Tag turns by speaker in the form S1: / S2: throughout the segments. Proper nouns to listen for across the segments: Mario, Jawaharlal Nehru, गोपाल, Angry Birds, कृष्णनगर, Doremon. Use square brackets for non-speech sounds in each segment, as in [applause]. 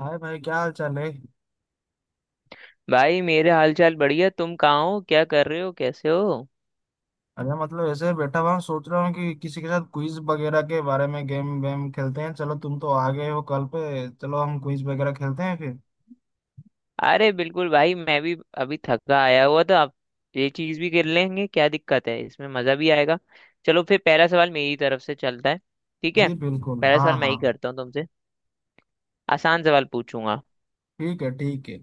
S1: हाय भाई, क्या हाल चाल है?
S2: भाई मेरे हालचाल बढ़िया। तुम कहाँ हो, क्या कर रहे हो, कैसे हो?
S1: अरे मतलब ऐसे बैठा हुआ हूँ, सोच रहा हूँ कि किसी के साथ क्विज वगैरह के बारे में गेम वेम खेलते हैं। चलो तुम तो आ गए हो कल पे, चलो हम क्विज वगैरह खेलते हैं फिर।
S2: अरे बिल्कुल भाई, मैं भी अभी थका आया हुआ था। आप ये चीज भी कर लेंगे, क्या दिक्कत है इसमें, मजा भी आएगा। चलो फिर पहला सवाल मेरी तरफ से चलता है। ठीक है,
S1: जी बिल्कुल,
S2: पहला
S1: हाँ
S2: सवाल मैं
S1: हाँ।
S2: ही करता हूँ तुमसे, आसान सवाल पूछूंगा।
S1: ठीक है, ठीक है।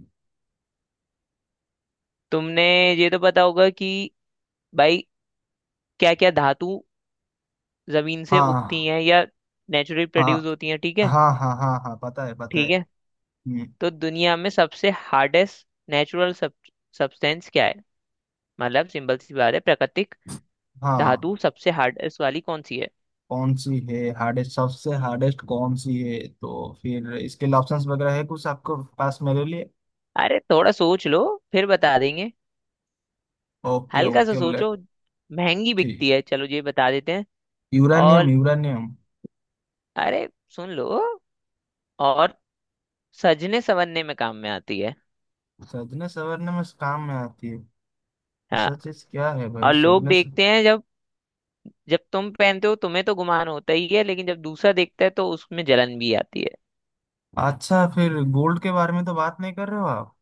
S2: तुमने ये तो पता होगा कि भाई, क्या क्या धातु जमीन से
S1: हाँ
S2: उगती हैं या नेचुरली प्रोड्यूस
S1: हाँ
S2: होती हैं, ठीक है?
S1: हाँ हाँ हाँ हाँ, पता है पता है।
S2: ठीक है,
S1: हम्म,
S2: तो दुनिया में सबसे हार्डेस्ट नेचुरल सब्सटेंस क्या है? मतलब सिंपल सी बात है, प्राकृतिक
S1: हाँ।
S2: धातु सबसे हार्डेस्ट वाली कौन सी है?
S1: कौन सी है हार्डेस्ट, सबसे हार्डेस्ट कौन सी है तो? फिर इसके लिए ऑप्शंस वगैरह है कुछ आपके पास मेरे लिए?
S2: अरे थोड़ा सोच लो, फिर बता देंगे।
S1: ओके
S2: हल्का सा
S1: ओके, लेट।
S2: सोचो, महंगी
S1: ठीक।
S2: बिकती है, चलो ये बता देते हैं।
S1: यूरानियम,
S2: और,
S1: यूरानियम।
S2: अरे सुन लो, और सजने संवरने में काम में आती है।
S1: सजने संवरने में काम में आती है?
S2: हाँ,
S1: रिसर्चेस क्या है भाई
S2: और लोग
S1: सदमे से?
S2: देखते हैं, जब जब तुम पहनते हो तुम्हें तो गुमान होता ही है, लेकिन जब दूसरा देखता है तो उसमें जलन भी आती है।
S1: अच्छा, फिर गोल्ड के बारे में तो बात नहीं कर रहे हो आप?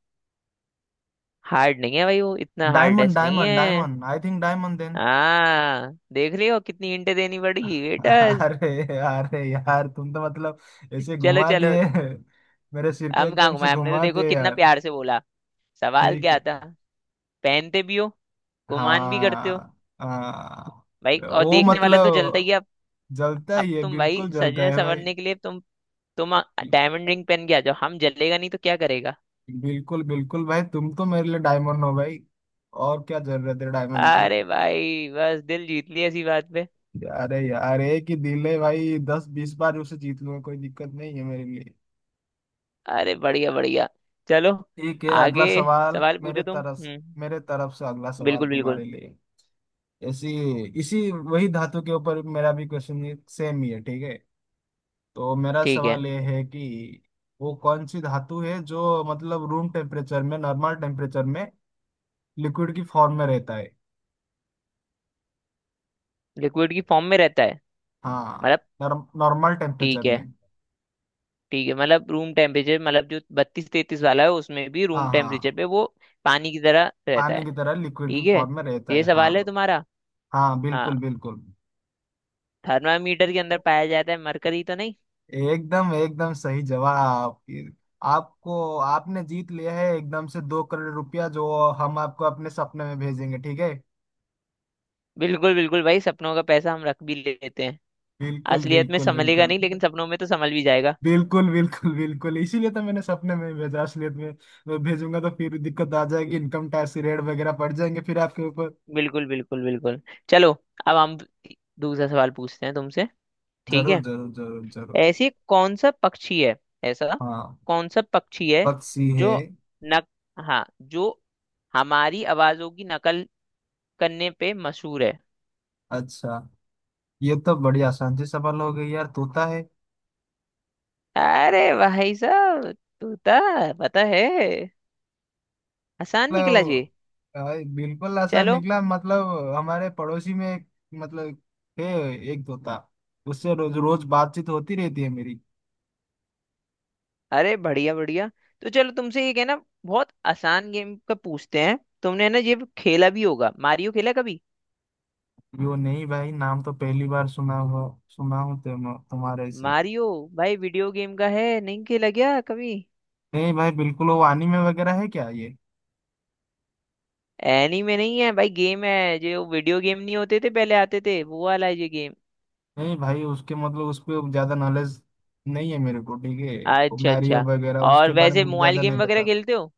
S2: हार्ड नहीं है भाई, वो इतना
S1: डायमंड
S2: हार्डेस्ट नहीं
S1: डायमंड
S2: है।
S1: Diamond, I think diamond then.
S2: हाँ देख लियो, कितनी इंटें देनी पड़ी
S1: [laughs]
S2: बेटा।
S1: अरे अरे यार, तुम तो मतलब ऐसे
S2: चलो
S1: घुमा
S2: चलो,
S1: दिए। मेरे सिर को
S2: हम कहाँ
S1: एकदम से
S2: घुमाए, हमने तो
S1: घुमा
S2: देखो
S1: दिए
S2: कितना
S1: यार।
S2: प्यार से बोला। सवाल
S1: ठीक
S2: क्या
S1: है।
S2: था? पहनते भी हो, गुमान भी करते हो,
S1: हाँ
S2: भाई
S1: हाँ।
S2: और
S1: वो
S2: देखने वाला तो जलता ही
S1: मतलब
S2: है। अब
S1: जलता
S2: अब
S1: ही है,
S2: तुम भाई
S1: बिल्कुल जलता
S2: सजने
S1: है भाई।
S2: संवरने के लिए तुम डायमंड रिंग पहन के आ जाओ, हम जलेगा नहीं तो क्या करेगा?
S1: बिल्कुल बिल्कुल भाई, तुम तो मेरे लिए डायमंड हो भाई। और क्या जरूरत है डायमंड की।
S2: अरे भाई, बस दिल जीत लिया इसी बात पे।
S1: अरे यार, एक ही दिल है भाई, दस बीस बार उसे जीत लूंगा, कोई दिक्कत नहीं है मेरे लिए।
S2: अरे बढ़िया बढ़िया। चलो,
S1: ठीक है, अगला
S2: आगे
S1: सवाल
S2: सवाल
S1: मेरे
S2: पूछो तुम।
S1: तरफ।
S2: हम्म,
S1: मेरे तरफ से अगला सवाल
S2: बिल्कुल बिल्कुल।
S1: तुम्हारे लिए। ऐसी इसी वही धातु के ऊपर मेरा भी क्वेश्चन सेम ही है, ठीक है। तो मेरा
S2: ठीक है,
S1: सवाल ये है कि वो कौन सी धातु है जो मतलब रूम टेम्परेचर में, नॉर्मल टेम्परेचर में लिक्विड की फॉर्म में रहता है?
S2: लिक्विड की फॉर्म में रहता है मतलब?
S1: हाँ। नॉर्मल टेम्परेचर
S2: ठीक
S1: में।
S2: है ठीक है, मतलब रूम टेम्परेचर, मतलब जो 32-33 वाला है, उसमें भी
S1: हाँ
S2: रूम टेम्परेचर
S1: हाँ।
S2: पे वो पानी की तरह रहता
S1: पानी
S2: है।
S1: की तरह लिक्विड की
S2: ठीक है,
S1: फॉर्म में रहता
S2: ये
S1: है,
S2: सवाल है
S1: हाँ।
S2: तुम्हारा?
S1: हाँ
S2: हाँ,
S1: बिल्कुल बिल्कुल।
S2: थर्मामीटर के अंदर पाया जाता है मरकरी तो नहीं?
S1: एकदम एकदम सही जवाब फिर आपको। आपने जीत लिया है एकदम से 2 करोड़ रुपया, जो हम आपको अपने सपने में भेजेंगे, ठीक है।
S2: बिल्कुल बिल्कुल भाई, सपनों का पैसा हम रख भी लेते हैं।
S1: बिल्कुल
S2: असलियत में
S1: बिल्कुल
S2: संभलेगा
S1: बिल्कुल।
S2: नहीं, लेकिन सपनों में तो संभल भी जाएगा।
S1: बिल्कुल बिल्कुल बिल्कुल, इसीलिए तो मैंने सपने में भेजा। असलियत में मैं भेजूंगा तो फिर दिक्कत आ जाएगी, इनकम टैक्स की रेट वगैरह पड़ जाएंगे फिर आपके ऊपर।
S2: बिल्कुल बिल्कुल बिल्कुल। चलो, अब हम दूसरा सवाल पूछते हैं तुमसे, ठीक
S1: जरूर
S2: है?
S1: जरूर जरूर जरूर।
S2: ऐसी कौन सा पक्षी है, ऐसा
S1: हाँ।
S2: कौन सा पक्षी है
S1: पक्षी है।
S2: जो नक हाँ, जो हमारी आवाजों की नकल करने पे मशहूर है?
S1: अच्छा, ये तो बड़ी आसान सी सवाल हो गई यार, तोता है।
S2: अरे भाई साहब, तोता, पता है, आसान निकला जी।
S1: मतलब अ, बिल्कुल ऐसा
S2: चलो,
S1: निकला, मतलब हमारे पड़ोसी में एक, मतलब थे एक तोता, उससे रोज रोज बातचीत होती रहती है मेरी।
S2: अरे बढ़िया बढ़िया। तो चलो तुमसे एक है ना, बहुत आसान गेम का पूछते हैं, तुमने है ना ये खेला भी होगा, मारियो खेला कभी?
S1: कि वो नहीं भाई, नाम तो पहली बार सुना हुआ, सुना हूँ तुम्हारे से।
S2: मारियो भाई, वीडियो गेम का है, नहीं खेला क्या कभी?
S1: नहीं भाई, बिल्कुल वो anime वगैरह है क्या ये?
S2: एनीमे नहीं है भाई, गेम है, जो वीडियो गेम नहीं होते थे पहले आते थे, वो वाला है ये गेम।
S1: नहीं भाई, उसके मतलब उस पर ज्यादा नॉलेज नहीं है मेरे को, ठीक है। वो
S2: अच्छा
S1: मैरियो
S2: अच्छा।
S1: वगैरह,
S2: और
S1: उसके बारे
S2: वैसे
S1: में
S2: मोबाइल
S1: ज्यादा नहीं
S2: गेम वगैरह
S1: पता।
S2: खेलते हो?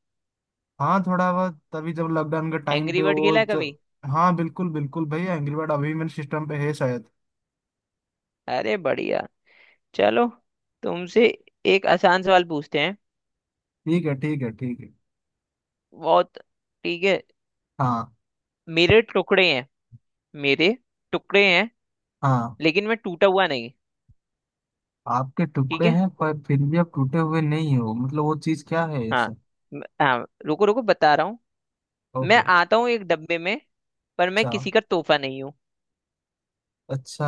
S1: हाँ थोड़ा बहुत, तभी जब लॉकडाउन के टाइम
S2: एंग्री
S1: पे
S2: बर्ड
S1: वो
S2: खेला है
S1: च...
S2: कभी?
S1: हाँ बिल्कुल बिल्कुल भाई, एंग्री बर्ड अभी मेरे सिस्टम पे है शायद।
S2: अरे बढ़िया। चलो तुमसे एक आसान सवाल पूछते हैं,
S1: ठीक है, ठीक है, ठीक है।
S2: बहुत। ठीक है,
S1: हाँ
S2: मेरे टुकड़े हैं, मेरे टुकड़े हैं,
S1: हाँ।
S2: लेकिन मैं टूटा हुआ नहीं।
S1: आपके
S2: ठीक
S1: टुकड़े
S2: है,
S1: हैं पर फिर भी आप टूटे हुए नहीं हो, मतलब वो चीज क्या है ये
S2: हाँ,
S1: सब?
S2: हाँ रुको रुको, बता रहा हूँ। मैं
S1: ओके।
S2: आता हूँ एक डब्बे में, पर मैं
S1: अच्छा
S2: किसी का तोहफा नहीं हूँ।
S1: अच्छा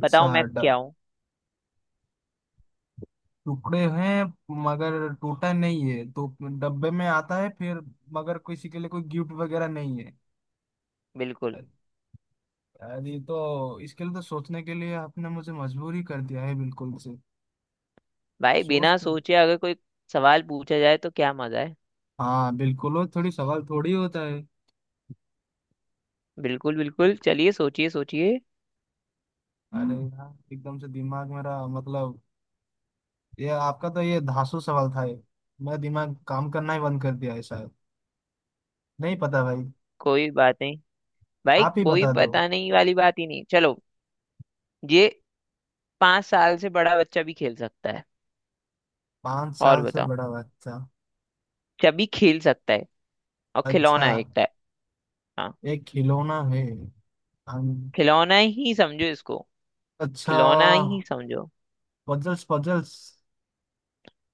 S2: बताओ मैं
S1: ड-
S2: क्या हूँ?
S1: टुकड़े हैं मगर टूटा नहीं है तो, डब्बे में आता है फिर, मगर किसी के लिए कोई गिफ्ट वगैरह नहीं है।
S2: बिल्कुल।
S1: अ- अरे, ये तो इसके लिए तो सोचने के लिए आपने मुझे मजबूर ही कर दिया है बिल्कुल से।
S2: भाई, बिना
S1: सोचते हैं।
S2: सोचे अगर कोई सवाल पूछा जाए तो क्या मजा है?
S1: हाँ बिल्कुल, वो थोड़ी सवाल थोड़ी होता है।
S2: बिल्कुल बिल्कुल, चलिए सोचिए सोचिए।
S1: अरे यार, एकदम से दिमाग मेरा मतलब, ये आपका तो ये धांसू सवाल था ये, मेरा दिमाग काम करना ही बंद कर दिया है शायद। नहीं पता भाई।
S2: कोई बात नहीं भाई,
S1: आप ही
S2: कोई
S1: बता दो।
S2: पता नहीं वाली बात ही नहीं। चलो, ये 5 साल से बड़ा बच्चा भी खेल सकता है।
S1: पांच
S2: और
S1: साल से
S2: बताओ,
S1: बड़ा बच्चा।
S2: सभी खेल सकता है, और
S1: अच्छा।
S2: खिलौना है एक टाइप। हाँ,
S1: एक खिलौना है। हम-
S2: खिलौना ही समझो इसको,
S1: अच्छा
S2: खिलौना ही समझो।
S1: Puzzles, puzzles.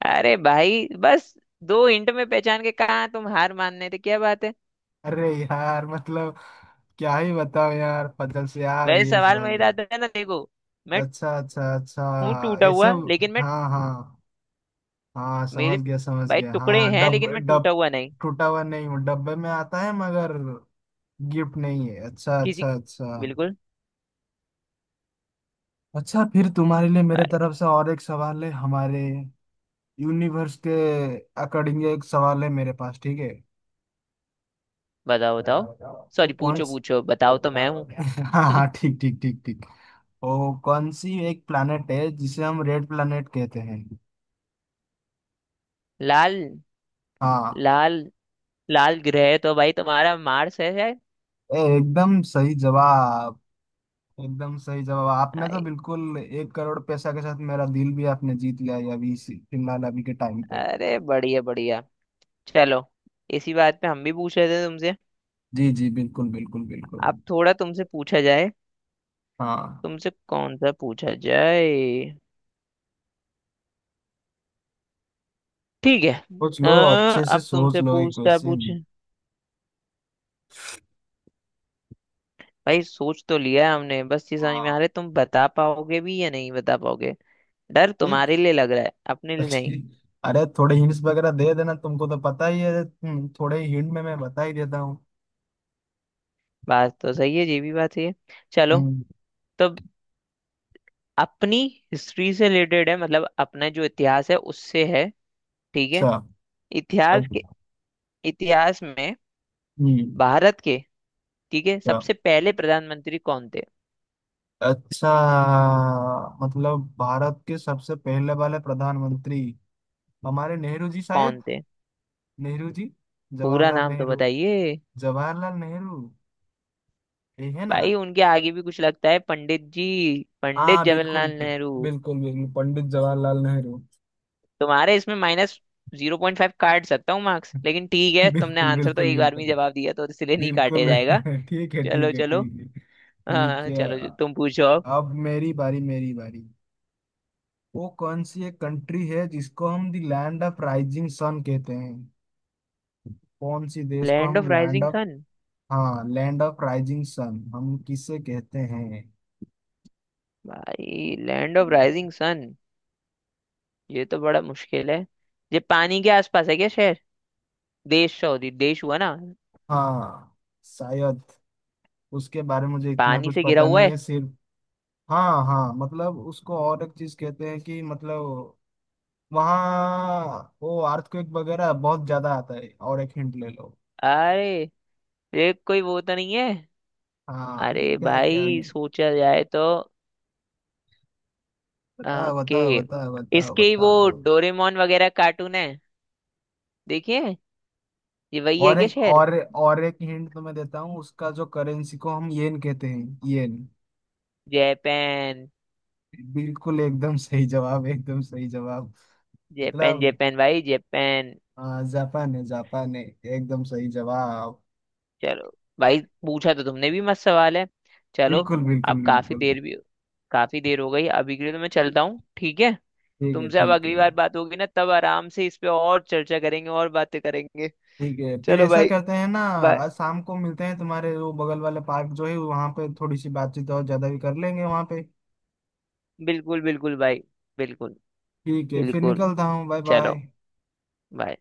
S2: अरे भाई बस, 2 हिंट में पहचान के कहाँ तुम हार मानने थे, क्या बात है।
S1: अरे यार मतलब, क्या ही बताओ यार, पजल्स यार,
S2: वैसे
S1: ये इस
S2: सवाल
S1: भाई
S2: मेरा
S1: हो।
S2: था ना, देखो, मैं
S1: अच्छा अच्छा
S2: हूँ
S1: अच्छा।
S2: टूटा
S1: ऐसे,
S2: हुआ, लेकिन मैं,
S1: हाँ हाँ। हाँ,
S2: मेरे
S1: समझ गया समझ
S2: भाई
S1: गया,
S2: टुकड़े
S1: हाँ
S2: हैं,
S1: डब
S2: लेकिन मैं
S1: डब।
S2: टूटा हुआ नहीं,
S1: टूटा हुआ नहीं हूँ, डब्बे में आता है मगर गिफ्ट नहीं है, अच्छा
S2: किसी।
S1: अच्छा अच्छा।
S2: बिल्कुल।
S1: अच्छा, फिर तुम्हारे लिए मेरे
S2: भाई
S1: तरफ से और एक सवाल है, हमारे यूनिवर्स के अकॉर्डिंग एक सवाल है मेरे पास, ठीक है।
S2: बताओ बताओ,
S1: वो
S2: सॉरी
S1: कौन
S2: पूछो
S1: स-
S2: पूछो, बताओ तो, मैं हूँ।
S1: [laughs] हाँ हाँ,
S2: [laughs]
S1: ठीक ठीक ठीक ठीक। वो कौन सी एक planet है जिसे हम रेड planet कहते हैं?
S2: लाल,
S1: हाँ।
S2: लाल, लाल ग्रह तो भाई तुम्हारा मार्स है शायद।
S1: एकदम सही जवाब, एकदम सही जवाब, आपने तो
S2: आई-
S1: बिल्कुल 1 करोड़ पैसा के साथ मेरा दिल भी आपने जीत लिया है अभी फिलहाल अभी के टाइम पे।
S2: अरे बढ़िया बढ़िया। चलो, इसी बात पे हम भी पूछ रहे थे तुमसे।
S1: जी जी बिल्कुल बिल्कुल बिल्कुल।
S2: अब थोड़ा तुमसे पूछा जाए,
S1: हाँ।
S2: तुमसे कौन सा पूछा जाए। ठीक है,
S1: सोच लो,
S2: अ,
S1: अच्छे से
S2: अब
S1: सोच
S2: तुमसे
S1: लो ये
S2: पूछता
S1: क्वेश्चन।
S2: पूछ भाई सोच तो लिया है हमने, बस ये समझ में आ रहा
S1: हाँ।
S2: है तुम बता पाओगे भी या नहीं बता पाओगे, डर
S1: एक।
S2: तुम्हारे लिए लग रहा है, अपने लिए नहीं।
S1: [laughs] अरे थोड़े हिंट्स वगैरह दे देना, तुमको तो पता ही है, थोड़े हिंट में मैं बता ही देता हूँ।
S2: बात तो सही है, ये भी बात सही है। चलो,
S1: हम्म,
S2: तो अपनी हिस्ट्री से रिलेटेड है, मतलब अपना जो इतिहास है उससे है, ठीक है?
S1: अच्छा
S2: इतिहास
S1: अच-
S2: के, इतिहास में
S1: हम्म,
S2: भारत के, ठीक है,
S1: अच्छा
S2: सबसे पहले प्रधानमंत्री कौन थे?
S1: अच्छा। मतलब भारत के सबसे पहले वाले प्रधानमंत्री, हमारे नेहरू जी शायद।
S2: कौन थे?
S1: नेहरू जी।
S2: पूरा
S1: जवाहरलाल
S2: नाम तो
S1: नेहरू।
S2: बताइए।
S1: जवाहरलाल नेहरू, ये है ना?
S2: भाई उनके आगे भी कुछ लगता है, पंडित जी, पंडित
S1: हाँ बिल्कुल
S2: जवाहरलाल नेहरू।
S1: बिल्कुल बिल्कुल बिल्कुल, पंडित जवाहरलाल नेहरू।
S2: तुम्हारे इसमें माइनस 0.5 काट सकता हूँ मार्क्स, लेकिन ठीक है,
S1: [laughs]
S2: तुमने
S1: बिल्कुल
S2: आंसर तो
S1: बिल्कुल
S2: एक बार में
S1: बिल्कुल
S2: ही जवाब दिया, तो इसलिए नहीं काटे
S1: बिल्कुल।
S2: जाएगा।
S1: [laughs] ठीक है,
S2: चलो
S1: ठीक है,
S2: चलो।
S1: ठीक है।
S2: हाँ
S1: ठीक
S2: हाँ
S1: है।
S2: चलो, तुम पूछो अब।
S1: अब मेरी बारी, मेरी बारी। वो कौन सी एक कंट्री है जिसको हम the land of rising sun कहते हैं? कौन सी देश को
S2: लैंड ऑफ
S1: हम लैंड
S2: राइजिंग
S1: ऑफ?
S2: सन,
S1: हाँ, लैंड ऑफ राइजिंग सन हम किसे कहते हैं?
S2: भाई लैंड ऑफ राइजिंग सन, ये तो बड़ा मुश्किल है। ये पानी के आसपास है क्या शहर, देश, सॉरी देश हुआ ना?
S1: हाँ। शायद उसके बारे में मुझे इतना
S2: पानी
S1: कुछ
S2: से घिरा
S1: पता
S2: हुआ
S1: नहीं
S2: है?
S1: है सिर्फ। हाँ हाँ, मतलब उसको और एक चीज कहते हैं कि मतलब वहाँ वो अर्थक्वेक वगैरह बहुत ज्यादा आता है, और एक हिंट ले लो।
S2: अरे ये कोई वो तो नहीं है,
S1: हाँ,
S2: अरे
S1: क्या क्या?
S2: भाई सोचा जाए तो
S1: बताओ
S2: के
S1: बताओ बताओ बताओ
S2: इसके ही वो
S1: बताओ।
S2: डोरेमोन वगैरह कार्टून है देखिए, ये वही है
S1: और
S2: क्या
S1: एक
S2: शहर?
S1: और एक हिंट तुम्हें देता हूँ, उसका जो करेंसी को हम येन कहते हैं, येन।
S2: जापान,
S1: बिल्कुल एकदम सही जवाब, एकदम सही, जापान। जवाब।
S2: जापान
S1: मतलब
S2: जापान भाई जापान।
S1: जापान है, जापान है। एकदम सही जवाब।
S2: चलो भाई, पूछा तो तुमने भी मस्त सवाल है। चलो,
S1: बिल्कुल
S2: अब
S1: बिल्कुल
S2: काफी
S1: बिल्कुल।
S2: देर भी, काफी देर हो गई, अभी के लिए तो मैं चलता हूँ, ठीक है?
S1: ठीक है,
S2: तुमसे अब
S1: ठीक
S2: अगली
S1: है।
S2: बार बात होगी ना, तब आराम से इस पे और चर्चा करेंगे और बातें करेंगे।
S1: ठीक है, फिर
S2: चलो
S1: ऐसा
S2: भाई,
S1: करते हैं ना।
S2: बाय।
S1: आज शाम को मिलते हैं, तुम्हारे वो बगल वाले पार्क जो है वहां पे, थोड़ी सी बातचीत और ज्यादा भी कर लेंगे वहां पे।
S2: बिल्कुल बिल्कुल भाई, बिल्कुल।
S1: ठीक है, फिर
S2: बिल्कुल,
S1: निकलता हूँ, बाय बाय।
S2: चलो, bye।